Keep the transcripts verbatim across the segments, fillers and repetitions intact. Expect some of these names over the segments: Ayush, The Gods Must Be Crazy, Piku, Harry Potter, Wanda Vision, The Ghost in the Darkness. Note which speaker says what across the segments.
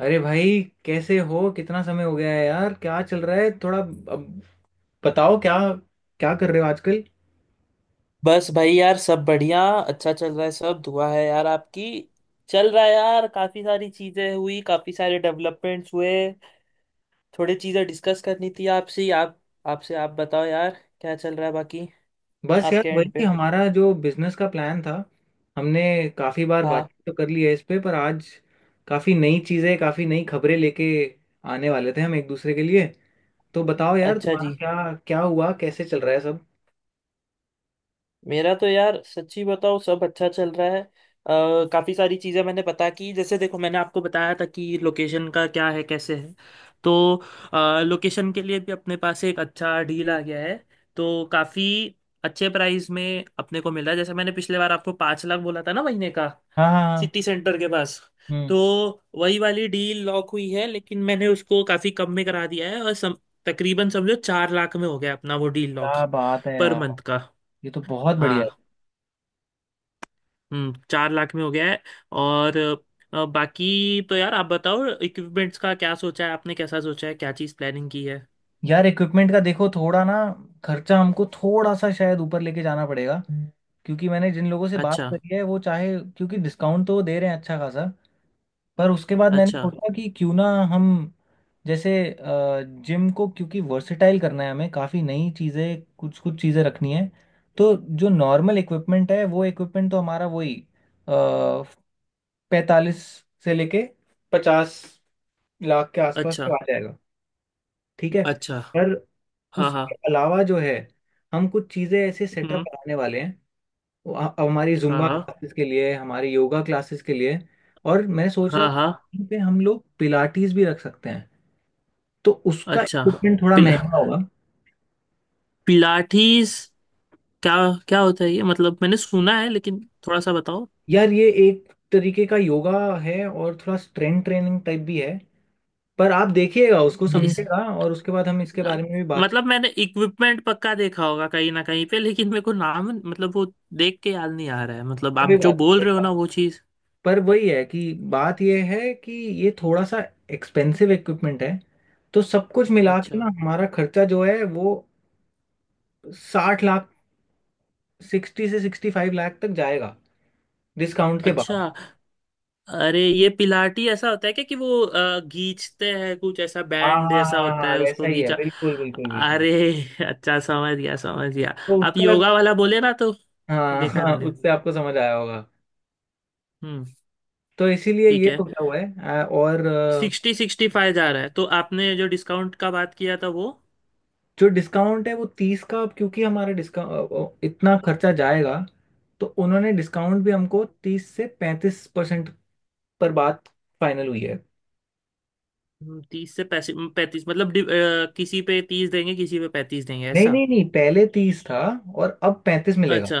Speaker 1: अरे भाई, कैसे हो? कितना समय हो गया है यार। क्या चल रहा है? थोड़ा अब बताओ, क्या क्या कर रहे हो आजकल?
Speaker 2: बस भाई यार सब बढ़िया अच्छा चल रहा है सब दुआ है यार आपकी। चल रहा है यार काफी सारी चीजें हुई काफी सारे डेवलपमेंट्स हुए। थोड़ी चीजें डिस्कस करनी थी आपसे ही, आप आपसे आप बताओ यार क्या चल रहा है बाकी।
Speaker 1: बस यार
Speaker 2: आपके एंड
Speaker 1: वही
Speaker 2: पे।
Speaker 1: हमारा जो बिजनेस का प्लान था, हमने काफी बार
Speaker 2: हाँ।
Speaker 1: बातचीत तो कर ली है इस पे, पर आज काफी नई चीजें, काफी नई खबरें लेके आने वाले थे हम एक दूसरे के लिए। तो बताओ यार,
Speaker 2: अच्छा
Speaker 1: तुम्हारा
Speaker 2: जी।
Speaker 1: क्या क्या हुआ, कैसे चल रहा है सब?
Speaker 2: मेरा तो यार सच्ची बताओ सब अच्छा चल रहा है, अ, काफी सारी चीजें मैंने पता की जैसे देखो मैंने आपको बताया था कि लोकेशन का क्या है कैसे है। तो लोकेशन के लिए भी अपने पास एक अच्छा डील आ गया है। तो काफी अच्छे प्राइस में अपने को मिला जैसे मैंने पिछले बार आपको पाँच लाख बोला था ना महीने का।
Speaker 1: हाँ हाँ
Speaker 2: सिटी
Speaker 1: हाँ,
Speaker 2: सेंटर के पास। तो
Speaker 1: हम्म।
Speaker 2: वही वाली डील लॉक हुई है लेकिन मैंने उसको काफी कम में करा दिया है और सम, तकरीबन समझो चार लाख में हो गया अपना वो डील लॉक।
Speaker 1: क्या बात है
Speaker 2: पर
Speaker 1: यार,
Speaker 2: मंथ का।
Speaker 1: ये तो बहुत बढ़िया है।
Speaker 2: हाँ। हम्म चार लाख में हो गया है। और अ, बाकी तो यार आप बताओ इक्विपमेंट्स का क्या सोचा है आपने कैसा सोचा है क्या चीज़ प्लानिंग की है।
Speaker 1: यार इक्विपमेंट का देखो, थोड़ा ना खर्चा हमको थोड़ा सा शायद ऊपर लेके जाना पड़ेगा हम्म। क्योंकि मैंने जिन लोगों से बात
Speaker 2: अच्छा।
Speaker 1: करी है वो चाहे, क्योंकि डिस्काउंट तो वो दे रहे हैं अच्छा खासा, पर उसके बाद मैंने
Speaker 2: अच्छा।
Speaker 1: सोचा कि क्यों ना हम, जैसे जिम को क्योंकि वर्सेटाइल करना है हमें, काफ़ी नई चीज़ें, कुछ कुछ चीज़ें रखनी है। तो जो नॉर्मल इक्विपमेंट है वो इक्विपमेंट तो हमारा वही पैंतालीस से लेके पचास लाख के आसपास
Speaker 2: अच्छा।
Speaker 1: तक आ जाएगा। ठीक है,
Speaker 2: अच्छा।
Speaker 1: पर
Speaker 2: हाँ हाँ।
Speaker 1: उसके अलावा जो है, हम कुछ चीज़ें ऐसे सेटअप
Speaker 2: हम्म।
Speaker 1: बनाने वाले हैं वो ह- हमारी जुम्बा
Speaker 2: हाँ
Speaker 1: क्लासेस के लिए, हमारी योगा क्लासेस के लिए। और मैं सोच
Speaker 2: हाँ
Speaker 1: रहा
Speaker 2: हाँ
Speaker 1: था
Speaker 2: हाँ।
Speaker 1: कहीं पे हम लोग पिलाटीज भी रख सकते हैं, तो उसका
Speaker 2: अच्छा।
Speaker 1: इक्विपमेंट थोड़ा
Speaker 2: पिला
Speaker 1: महंगा होगा।
Speaker 2: पिलाटीज क्या क्या होता है ये मतलब मैंने सुना है लेकिन थोड़ा सा बताओ।
Speaker 1: यार ये एक तरीके का योगा है और थोड़ा स्ट्रेंथ ट्रेनिंग टाइप भी है। पर आप देखिएगा, उसको
Speaker 2: इस
Speaker 1: समझिएगा, और उसके बाद हम इसके
Speaker 2: अ,
Speaker 1: बारे में भी बातचीत।
Speaker 2: मतलब मैंने इक्विपमेंट पक्का देखा होगा कहीं ना कहीं पे लेकिन मेरे को नाम मतलब वो देख के याद नहीं आ रहा है मतलब
Speaker 1: कोई
Speaker 2: आप जो
Speaker 1: बात
Speaker 2: बोल
Speaker 1: नहीं,
Speaker 2: रहे हो ना वो चीज़।
Speaker 1: पर वही है कि बात यह है कि ये थोड़ा सा एक्सपेंसिव इक्विपमेंट है। तो सब कुछ मिला के
Speaker 2: अच्छा।
Speaker 1: ना हमारा खर्चा जो है वो साठ लाख, सिक्सटी से सिक्सटी फाइव लाख तक जाएगा डिस्काउंट के बाद।
Speaker 2: अच्छा। अरे ये पिलाटी ऐसा होता है क्या कि वो अ, खींचते हैं कुछ ऐसा
Speaker 1: हाँ
Speaker 2: बैंड
Speaker 1: हाँ
Speaker 2: जैसा
Speaker 1: हाँ हाँ
Speaker 2: होता
Speaker 1: हाँ,
Speaker 2: है
Speaker 1: वैसा
Speaker 2: उसको
Speaker 1: ही है,
Speaker 2: खींचा।
Speaker 1: बिल्कुल बिल्कुल बिल्कुल।
Speaker 2: अरे। अच्छा समझ गया समझ गया।
Speaker 1: तो
Speaker 2: आप
Speaker 1: उसका,
Speaker 2: योगा वाला बोले ना तो
Speaker 1: हाँ
Speaker 2: देखा है
Speaker 1: हाँ,
Speaker 2: मैंने।
Speaker 1: उससे आपको समझ आया होगा।
Speaker 2: हम्म।
Speaker 1: तो इसीलिए
Speaker 2: ठीक
Speaker 1: ये
Speaker 2: है।
Speaker 1: सोचा हुआ है। आ, और आ,
Speaker 2: सिक्सटी सिक्सटी फाइव जा रहा है तो आपने जो डिस्काउंट का बात किया था वो।
Speaker 1: जो डिस्काउंट है वो तीस का, अब क्योंकि हमारा डिस्काउंट इतना खर्चा जाएगा तो उन्होंने डिस्काउंट भी हमको तीस से पैंतीस परसेंट पर बात फाइनल हुई है।
Speaker 2: हम्म, तीस से पैंतीस मतलब डि- अ, किसी पे तीस देंगे किसी पे पैंतीस देंगे
Speaker 1: नहीं
Speaker 2: ऐसा।
Speaker 1: नहीं नहीं, पहले तीस था और अब पैंतीस मिलेगा।
Speaker 2: अच्छा।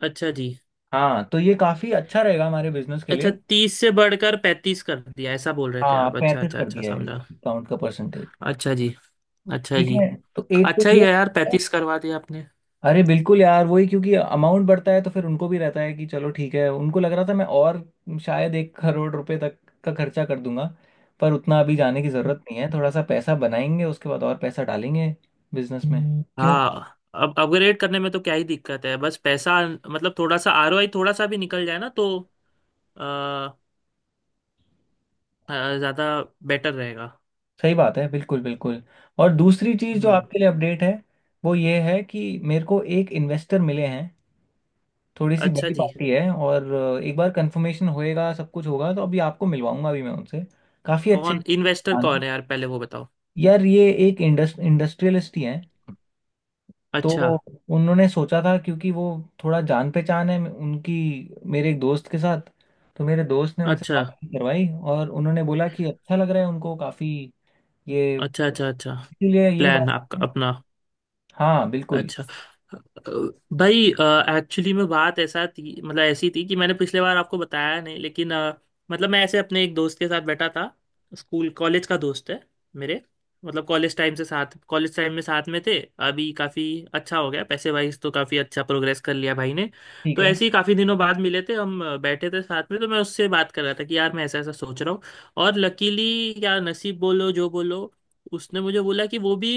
Speaker 2: अच्छा जी।
Speaker 1: हाँ, तो ये काफी अच्छा रहेगा हमारे बिजनेस के लिए।
Speaker 2: अच्छा तीस से बढ़कर पैंतीस कर दिया ऐसा बोल रहे थे
Speaker 1: हाँ,
Speaker 2: आप अच्छा
Speaker 1: पैंतीस
Speaker 2: अच्छा
Speaker 1: कर
Speaker 2: अच्छा
Speaker 1: दिया है
Speaker 2: समझा।
Speaker 1: डिस्काउंट का परसेंटेज।
Speaker 2: अच्छा जी। अच्छा
Speaker 1: ठीक
Speaker 2: जी।
Speaker 1: है, तो एक तो
Speaker 2: अच्छा ही
Speaker 1: ये।
Speaker 2: है यार पैंतीस करवा दिया आपने।
Speaker 1: अरे बिल्कुल यार, वही, क्योंकि अमाउंट बढ़ता है तो फिर उनको भी रहता है कि चलो ठीक है। उनको लग रहा था मैं, और शायद एक करोड़ रुपए तक का खर्चा कर दूंगा, पर उतना अभी जाने की जरूरत नहीं है। थोड़ा सा पैसा बनाएंगे, उसके बाद और पैसा डालेंगे बिजनेस में हम्म। क्यों,
Speaker 2: हाँ अब अपग्रेड करने में तो क्या ही दिक्कत है बस पैसा मतलब थोड़ा सा आरओआई थोड़ा सा भी निकल जाए ना तो अ, अ, ज्यादा बेटर रहेगा।
Speaker 1: सही बात है, बिल्कुल बिल्कुल। और दूसरी चीज़ जो
Speaker 2: हम्म।
Speaker 1: आपके लिए अपडेट है वो ये है कि मेरे को एक इन्वेस्टर मिले हैं, थोड़ी सी
Speaker 2: अच्छा
Speaker 1: बड़ी
Speaker 2: जी।
Speaker 1: पार्टी है, और अ, एक बार कंफर्मेशन होएगा, सब कुछ होगा, तो अभी आपको मिलवाऊंगा भी मैं उनसे। काफ़ी अच्छे
Speaker 2: कौन इन्वेस्टर
Speaker 1: इंसान हैं।
Speaker 2: कौन है यार पहले वो बताओ।
Speaker 1: यार ये एक इंडस्ट इंडस्ट्रियलिस्ट ही हैं। तो
Speaker 2: अच्छा।
Speaker 1: उन्होंने सोचा था, क्योंकि वो, थोड़ा जान पहचान है उनकी मेरे एक दोस्त के साथ, तो मेरे दोस्त ने उनसे
Speaker 2: अच्छा
Speaker 1: बात करवाई और उन्होंने बोला कि अच्छा लग रहा है उनको काफ़ी ये,
Speaker 2: अच्छा अच्छा। अच्छा।
Speaker 1: इसीलिए ये
Speaker 2: प्लान
Speaker 1: बात
Speaker 2: आपका
Speaker 1: है।
Speaker 2: अपना।
Speaker 1: हाँ बिल्कुल।
Speaker 2: अच्छा। अ, भाई एक्चुअली में बात ऐसा थी मतलब ऐसी थी कि मैंने पिछले बार आपको बताया नहीं लेकिन अ, मतलब मैं ऐसे अपने एक दोस्त के साथ बैठा था। स्कूल कॉलेज का दोस्त है मेरे। मतलब कॉलेज टाइम से साथ कॉलेज टाइम में साथ में थे। अभी काफ़ी अच्छा हो गया पैसे वाइज तो काफ़ी अच्छा प्रोग्रेस कर लिया भाई ने।
Speaker 1: ठीक
Speaker 2: तो
Speaker 1: है।
Speaker 2: ऐसे ही काफ़ी दिनों बाद मिले थे हम अ, बैठे थे साथ में तो मैं उससे बात कर रहा था कि यार मैं ऐसा ऐसा सोच रहा हूँ। और लकीली या नसीब बोलो जो बोलो उसने मुझे बोला कि वो भी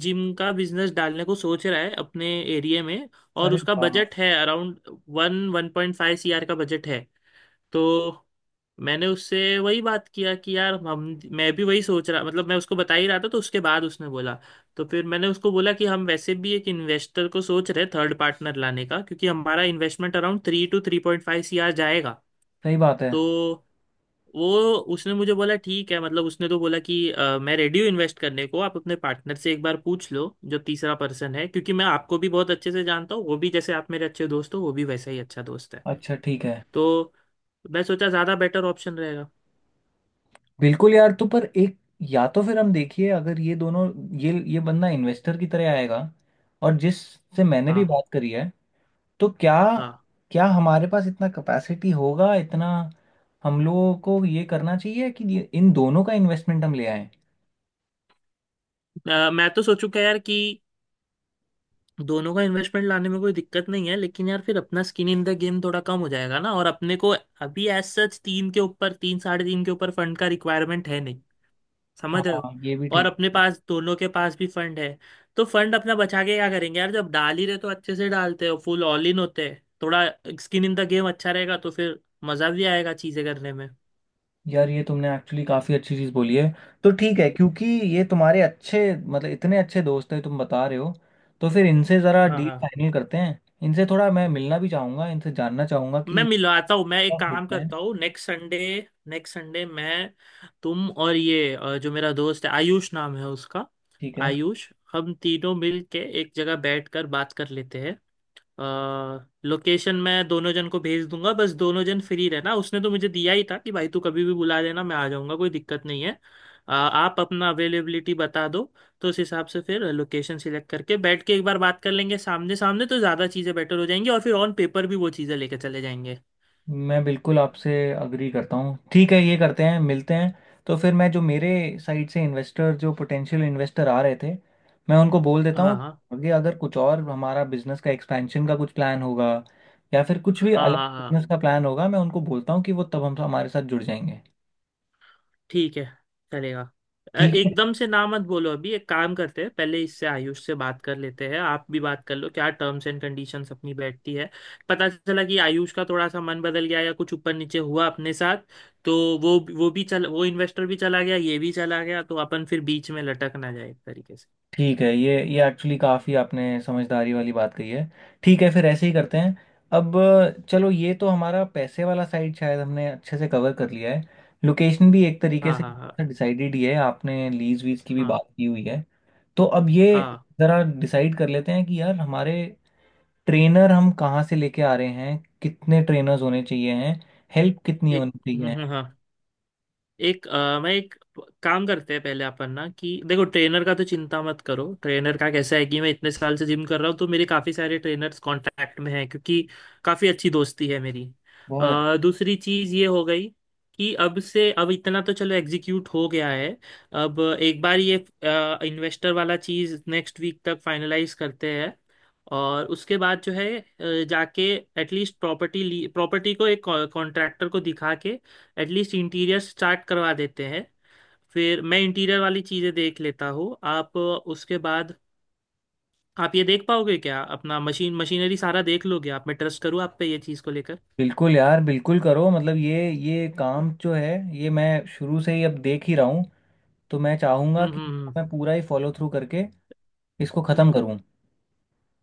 Speaker 2: जिम का बिजनेस डालने को सोच रहा है अपने एरिया में। और
Speaker 1: अरे
Speaker 2: उसका
Speaker 1: वाह!
Speaker 2: बजट है around one one point five C R का बजट है। तो मैंने उससे वही बात किया कि यार हम मैं भी वही सोच रहा मतलब मैं उसको बता ही रहा था तो उसके बाद उसने बोला। तो फिर मैंने उसको बोला कि हम वैसे भी एक इन्वेस्टर को सोच रहे थर्ड पार्टनर लाने का क्योंकि हमारा investment around three two three point five C R जाएगा।
Speaker 1: सही बात है।
Speaker 2: तो वो उसने मुझे बोला ठीक है मतलब उसने तो बोला कि "अ, मैं रेडी हूँ इन्वेस्ट करने को आप अपने पार्टनर से एक बार पूछ लो जो तीसरा पर्सन है क्योंकि मैं आपको भी बहुत अच्छे से जानता हूँ वो भी जैसे आप मेरे अच्छे दोस्त हो वो भी वैसा ही अच्छा दोस्त है"।
Speaker 1: अच्छा ठीक है।
Speaker 2: तो मैं सोचा ज़्यादा बेटर ऑप्शन रहेगा।
Speaker 1: बिल्कुल यार, तो पर एक, या तो फिर हम देखिए, अगर ये दोनों, ये ये बंदा इन्वेस्टर की तरह आएगा और जिससे मैंने भी
Speaker 2: हाँ
Speaker 1: बात करी है, तो क्या
Speaker 2: हाँ।
Speaker 1: क्या हमारे पास इतना कैपेसिटी होगा इतना? हम लोगों को ये करना चाहिए कि ये- इन दोनों का इन्वेस्टमेंट हम ले आए।
Speaker 2: अ, मैं तो सोचू क्या यार कि दोनों का इन्वेस्टमेंट लाने में कोई दिक्कत नहीं है लेकिन यार फिर अपना स्किन इन द गेम थोड़ा कम हो जाएगा ना और अपने को अभी एज सच तीन के ऊपर तीन साढ़े तीन के ऊपर फंड का रिक्वायरमेंट है। समझ रहे हो।
Speaker 1: हाँ ये भी
Speaker 2: और
Speaker 1: ठीक।
Speaker 2: अपने पास दोनों के पास भी फंड है। तो फंड अपना बचा के क्या करेंगे यार जब डाल ही रहे तो अच्छे से डालते हो फुल ऑल इन होते हैं थोड़ा स्किन इन द गेम अच्छा रहेगा तो फिर मजा भी आएगा चीजें करने में।
Speaker 1: यार ये तुमने एक्चुअली काफ़ी अच्छी चीज़ बोली है। तो ठीक है, क्योंकि ये तुम्हारे अच्छे, मतलब इतने अच्छे दोस्त हैं तुम बता रहे हो, तो फिर इनसे ज़रा
Speaker 2: हाँ
Speaker 1: डील
Speaker 2: हाँ।
Speaker 1: फाइनल करते हैं, इनसे थोड़ा मैं मिलना भी चाहूँगा, इनसे जानना चाहूँगा
Speaker 2: मैं
Speaker 1: कि
Speaker 2: मिलवाता हूँ मैं एक
Speaker 1: क्या
Speaker 2: काम
Speaker 1: सोचते हैं।
Speaker 2: करता हूँ नेक्स्ट संडे। नेक्स्ट संडे मैं तुम और ये अ, जो मेरा दोस्त है आयुष नाम है उसका।
Speaker 1: ठीक है,
Speaker 2: आयुष हम तीनों मिल के एक जगह बैठ कर बात कर लेते हैं। लोकेशन मैं दोनों जन को भेज दूंगा बस दोनों जन फ्री रहना उसने तो मुझे दिया ही था कि भाई तू कभी भी बुला लेना मैं आ जाऊंगा कोई दिक्कत नहीं है। अ, आप अपना अवेलेबिलिटी बता दो। तो उस हिसाब से फिर लोकेशन सिलेक्ट करके बैठ के एक बार बात कर लेंगे सामने सामने तो ज़्यादा चीज़ें बेटर हो जाएंगी और फिर ऑन पेपर भी वो चीज़ें लेके चले जाएंगे।
Speaker 1: मैं बिल्कुल आपसे अग्री करता हूँ। ठीक है, ये करते हैं, मिलते हैं। तो फिर मैं जो मेरे साइड से इन्वेस्टर, जो पोटेंशियल इन्वेस्टर आ रहे थे, मैं उनको बोल देता
Speaker 2: हाँ
Speaker 1: हूँ।
Speaker 2: हाँ
Speaker 1: आगे अगर कुछ और हमारा बिजनेस का एक्सपेंशन का कुछ प्लान होगा या फिर कुछ भी
Speaker 2: हाँ
Speaker 1: अलग
Speaker 2: हाँ हाँ।
Speaker 1: बिजनेस का प्लान होगा, मैं उनको बोलता हूँ कि वो तब हम हमारे साथ जुड़ जाएंगे।
Speaker 2: ठीक है। चलेगा। अ,
Speaker 1: ठीक है।
Speaker 2: एकदम से ना मत बोलो अभी एक काम करते हैं पहले इससे आयुष से बात कर लेते हैं आप भी बात कर लो क्या टर्म्स एंड कंडीशंस अपनी बैठती है। पता चला कि आयुष का थोड़ा सा मन बदल गया या कुछ ऊपर नीचे हुआ अपने साथ। तो वो वो भी चल वो इन्वेस्टर भी चला गया ये भी चला गया तो अपन फिर बीच में लटक ना जाए एक तरीके से।
Speaker 1: ठीक है, ये ये एक्चुअली काफ़ी आपने समझदारी वाली बात कही है। ठीक है, फिर ऐसे ही करते हैं। अब अ, चलो, ये तो हमारा पैसे वाला साइड शायद हमने अच्छे से कवर कर लिया है। लोकेशन भी एक तरीके
Speaker 2: हाँ
Speaker 1: से
Speaker 2: हाँ हाँ
Speaker 1: डिसाइडेड ही है, आपने लीज वीज की भी बात
Speaker 2: हाँ
Speaker 1: की हुई है। तो अब ये
Speaker 2: हाँ।
Speaker 1: ज़रा डिसाइड कर लेते हैं कि यार हमारे ट्रेनर हम कहाँ से लेके आ रहे हैं, कितने ट्रेनर्स होने चाहिए हैं, हेल्प कितनी
Speaker 2: एक।
Speaker 1: होनी
Speaker 2: हम्म,
Speaker 1: चाहिए है।
Speaker 2: हम्म, हाँ। एक अ, मैं एक काम करते हैं पहले अपन ना कि देखो ट्रेनर का तो चिंता मत करो ट्रेनर का कैसा है कि मैं इतने साल से जिम कर रहा हूँ तो मेरे काफ़ी सारे ट्रेनर्स कांटेक्ट में हैं क्योंकि काफ़ी अच्छी दोस्ती है मेरी।
Speaker 1: बहुत अच्छा।
Speaker 2: अ, दूसरी चीज़ ये हो गई कि अब से अब इतना तो चलो एग्जीक्यूट हो गया है। अब एक बार ये इन्वेस्टर वाला चीज़ नेक्स्ट वीक तक फाइनलाइज करते हैं। और उसके बाद जो है अ, जाके एटलीस्ट प्रॉपर्टी ली प्रॉपर्टी को एक कॉन्ट्रैक्टर को दिखा के एटलीस्ट इंटीरियर स्टार्ट करवा देते हैं। फिर मैं इंटीरियर वाली चीज़ें देख लेता हूँ आप उसके बाद। आप ये देख पाओगे क्या अपना मशीन मशीनरी सारा देख लोगे आप मैं ट्रस्ट करूँ आप पे ये चीज़ को लेकर।
Speaker 1: बिल्कुल यार, बिल्कुल करो, मतलब ये ये काम जो है ये मैं शुरू से ही अब देख ही रहा हूँ, तो मैं चाहूंगा
Speaker 2: हम्म
Speaker 1: कि
Speaker 2: हम्म
Speaker 1: इसको
Speaker 2: हम्म।
Speaker 1: मैं पूरा ही फॉलो थ्रू करके इसको खत्म करूं।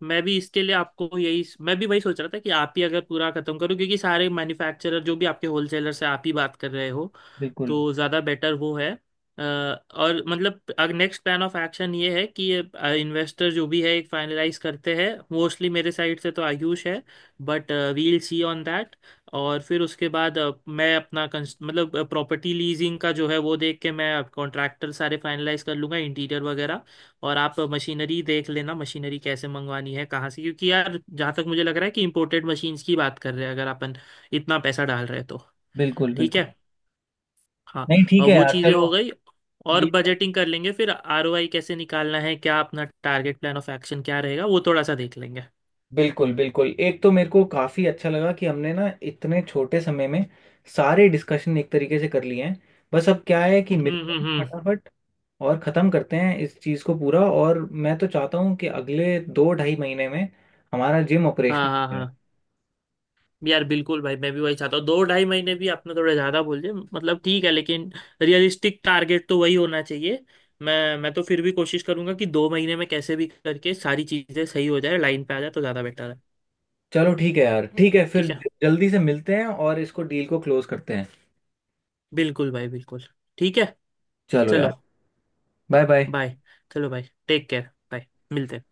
Speaker 2: मैं भी इसके लिए आपको यही मैं भी वही सोच रहा था कि आप ही अगर पूरा खत्म करो क्योंकि सारे मैन्युफैक्चरर जो भी आपके होलसेलर से आप ही बात कर रहे हो
Speaker 1: बिल्कुल
Speaker 2: तो ज़्यादा बेटर वो है। अ, और मतलब नेक्स्ट प्लान ऑफ एक्शन ये है कि इन्वेस्टर जो भी है एक फाइनलाइज करते हैं मोस्टली मेरे साइड से तो आयुष है but we'll see on that. और फिर उसके बाद अ, मैं अपना कंस- मतलब प्रॉपर्टी लीजिंग का जो है वो देख के मैं कॉन्ट्रैक्टर सारे फाइनलाइज कर लूँगा इंटीरियर वगैरह। और आप मशीनरी देख लेना मशीनरी कैसे मंगवानी है कहाँ से क्योंकि यार जहाँ तक मुझे लग रहा है कि इम्पोर्टेड मशीन्स की बात कर रहे हैं अगर अपन इतना पैसा डाल रहे हैं तो।
Speaker 1: बिल्कुल
Speaker 2: ठीक
Speaker 1: बिल्कुल।
Speaker 2: है। हाँ।
Speaker 1: नहीं ठीक
Speaker 2: और
Speaker 1: है
Speaker 2: वो
Speaker 1: यार,
Speaker 2: चीज़ें
Speaker 1: चलो।
Speaker 2: हो गई और
Speaker 1: ये तो
Speaker 2: बजटिंग कर लेंगे फिर आरओआई कैसे निकालना है क्या अपना टारगेट प्लान ऑफ एक्शन क्या रहेगा वो थोड़ा सा देख लेंगे
Speaker 1: बिल्कुल बिल्कुल, एक तो मेरे को काफी अच्छा लगा कि हमने ना इतने छोटे समय में सारे डिस्कशन एक तरीके से कर लिए हैं। बस अब क्या है कि
Speaker 2: हम्म
Speaker 1: मिलते
Speaker 2: हम्म
Speaker 1: हैं
Speaker 2: हम्म।
Speaker 1: फटाफट और खत्म करते हैं इस चीज को पूरा। और मैं तो चाहता हूँ कि अगले दो ढाई महीने में हमारा जिम
Speaker 2: हाँ हाँ
Speaker 1: ऑपरेशनल है।
Speaker 2: हाँ। यार बिल्कुल भाई मैं भी वही चाहता हूँ दो ढाई महीने भी आपने थोड़ा ज्यादा बोल दिया मतलब ठीक है लेकिन रियलिस्टिक टारगेट तो वही होना चाहिए। मैं मैं तो फिर भी कोशिश करूंगा कि दो महीने में कैसे भी करके सारी चीजें सही हो जाए लाइन पे आ जाए तो ज्यादा बेटर है।
Speaker 1: चलो ठीक है यार, ठीक है फिर
Speaker 2: ठीक है।
Speaker 1: जल्दी से मिलते हैं और इसको, डील को क्लोज करते हैं।
Speaker 2: बिल्कुल भाई बिल्कुल। ठीक है।
Speaker 1: चलो
Speaker 2: चलो।
Speaker 1: यार, बाय बाय।
Speaker 2: बाय। चलो भाई। Take care bye. मिलते हैं।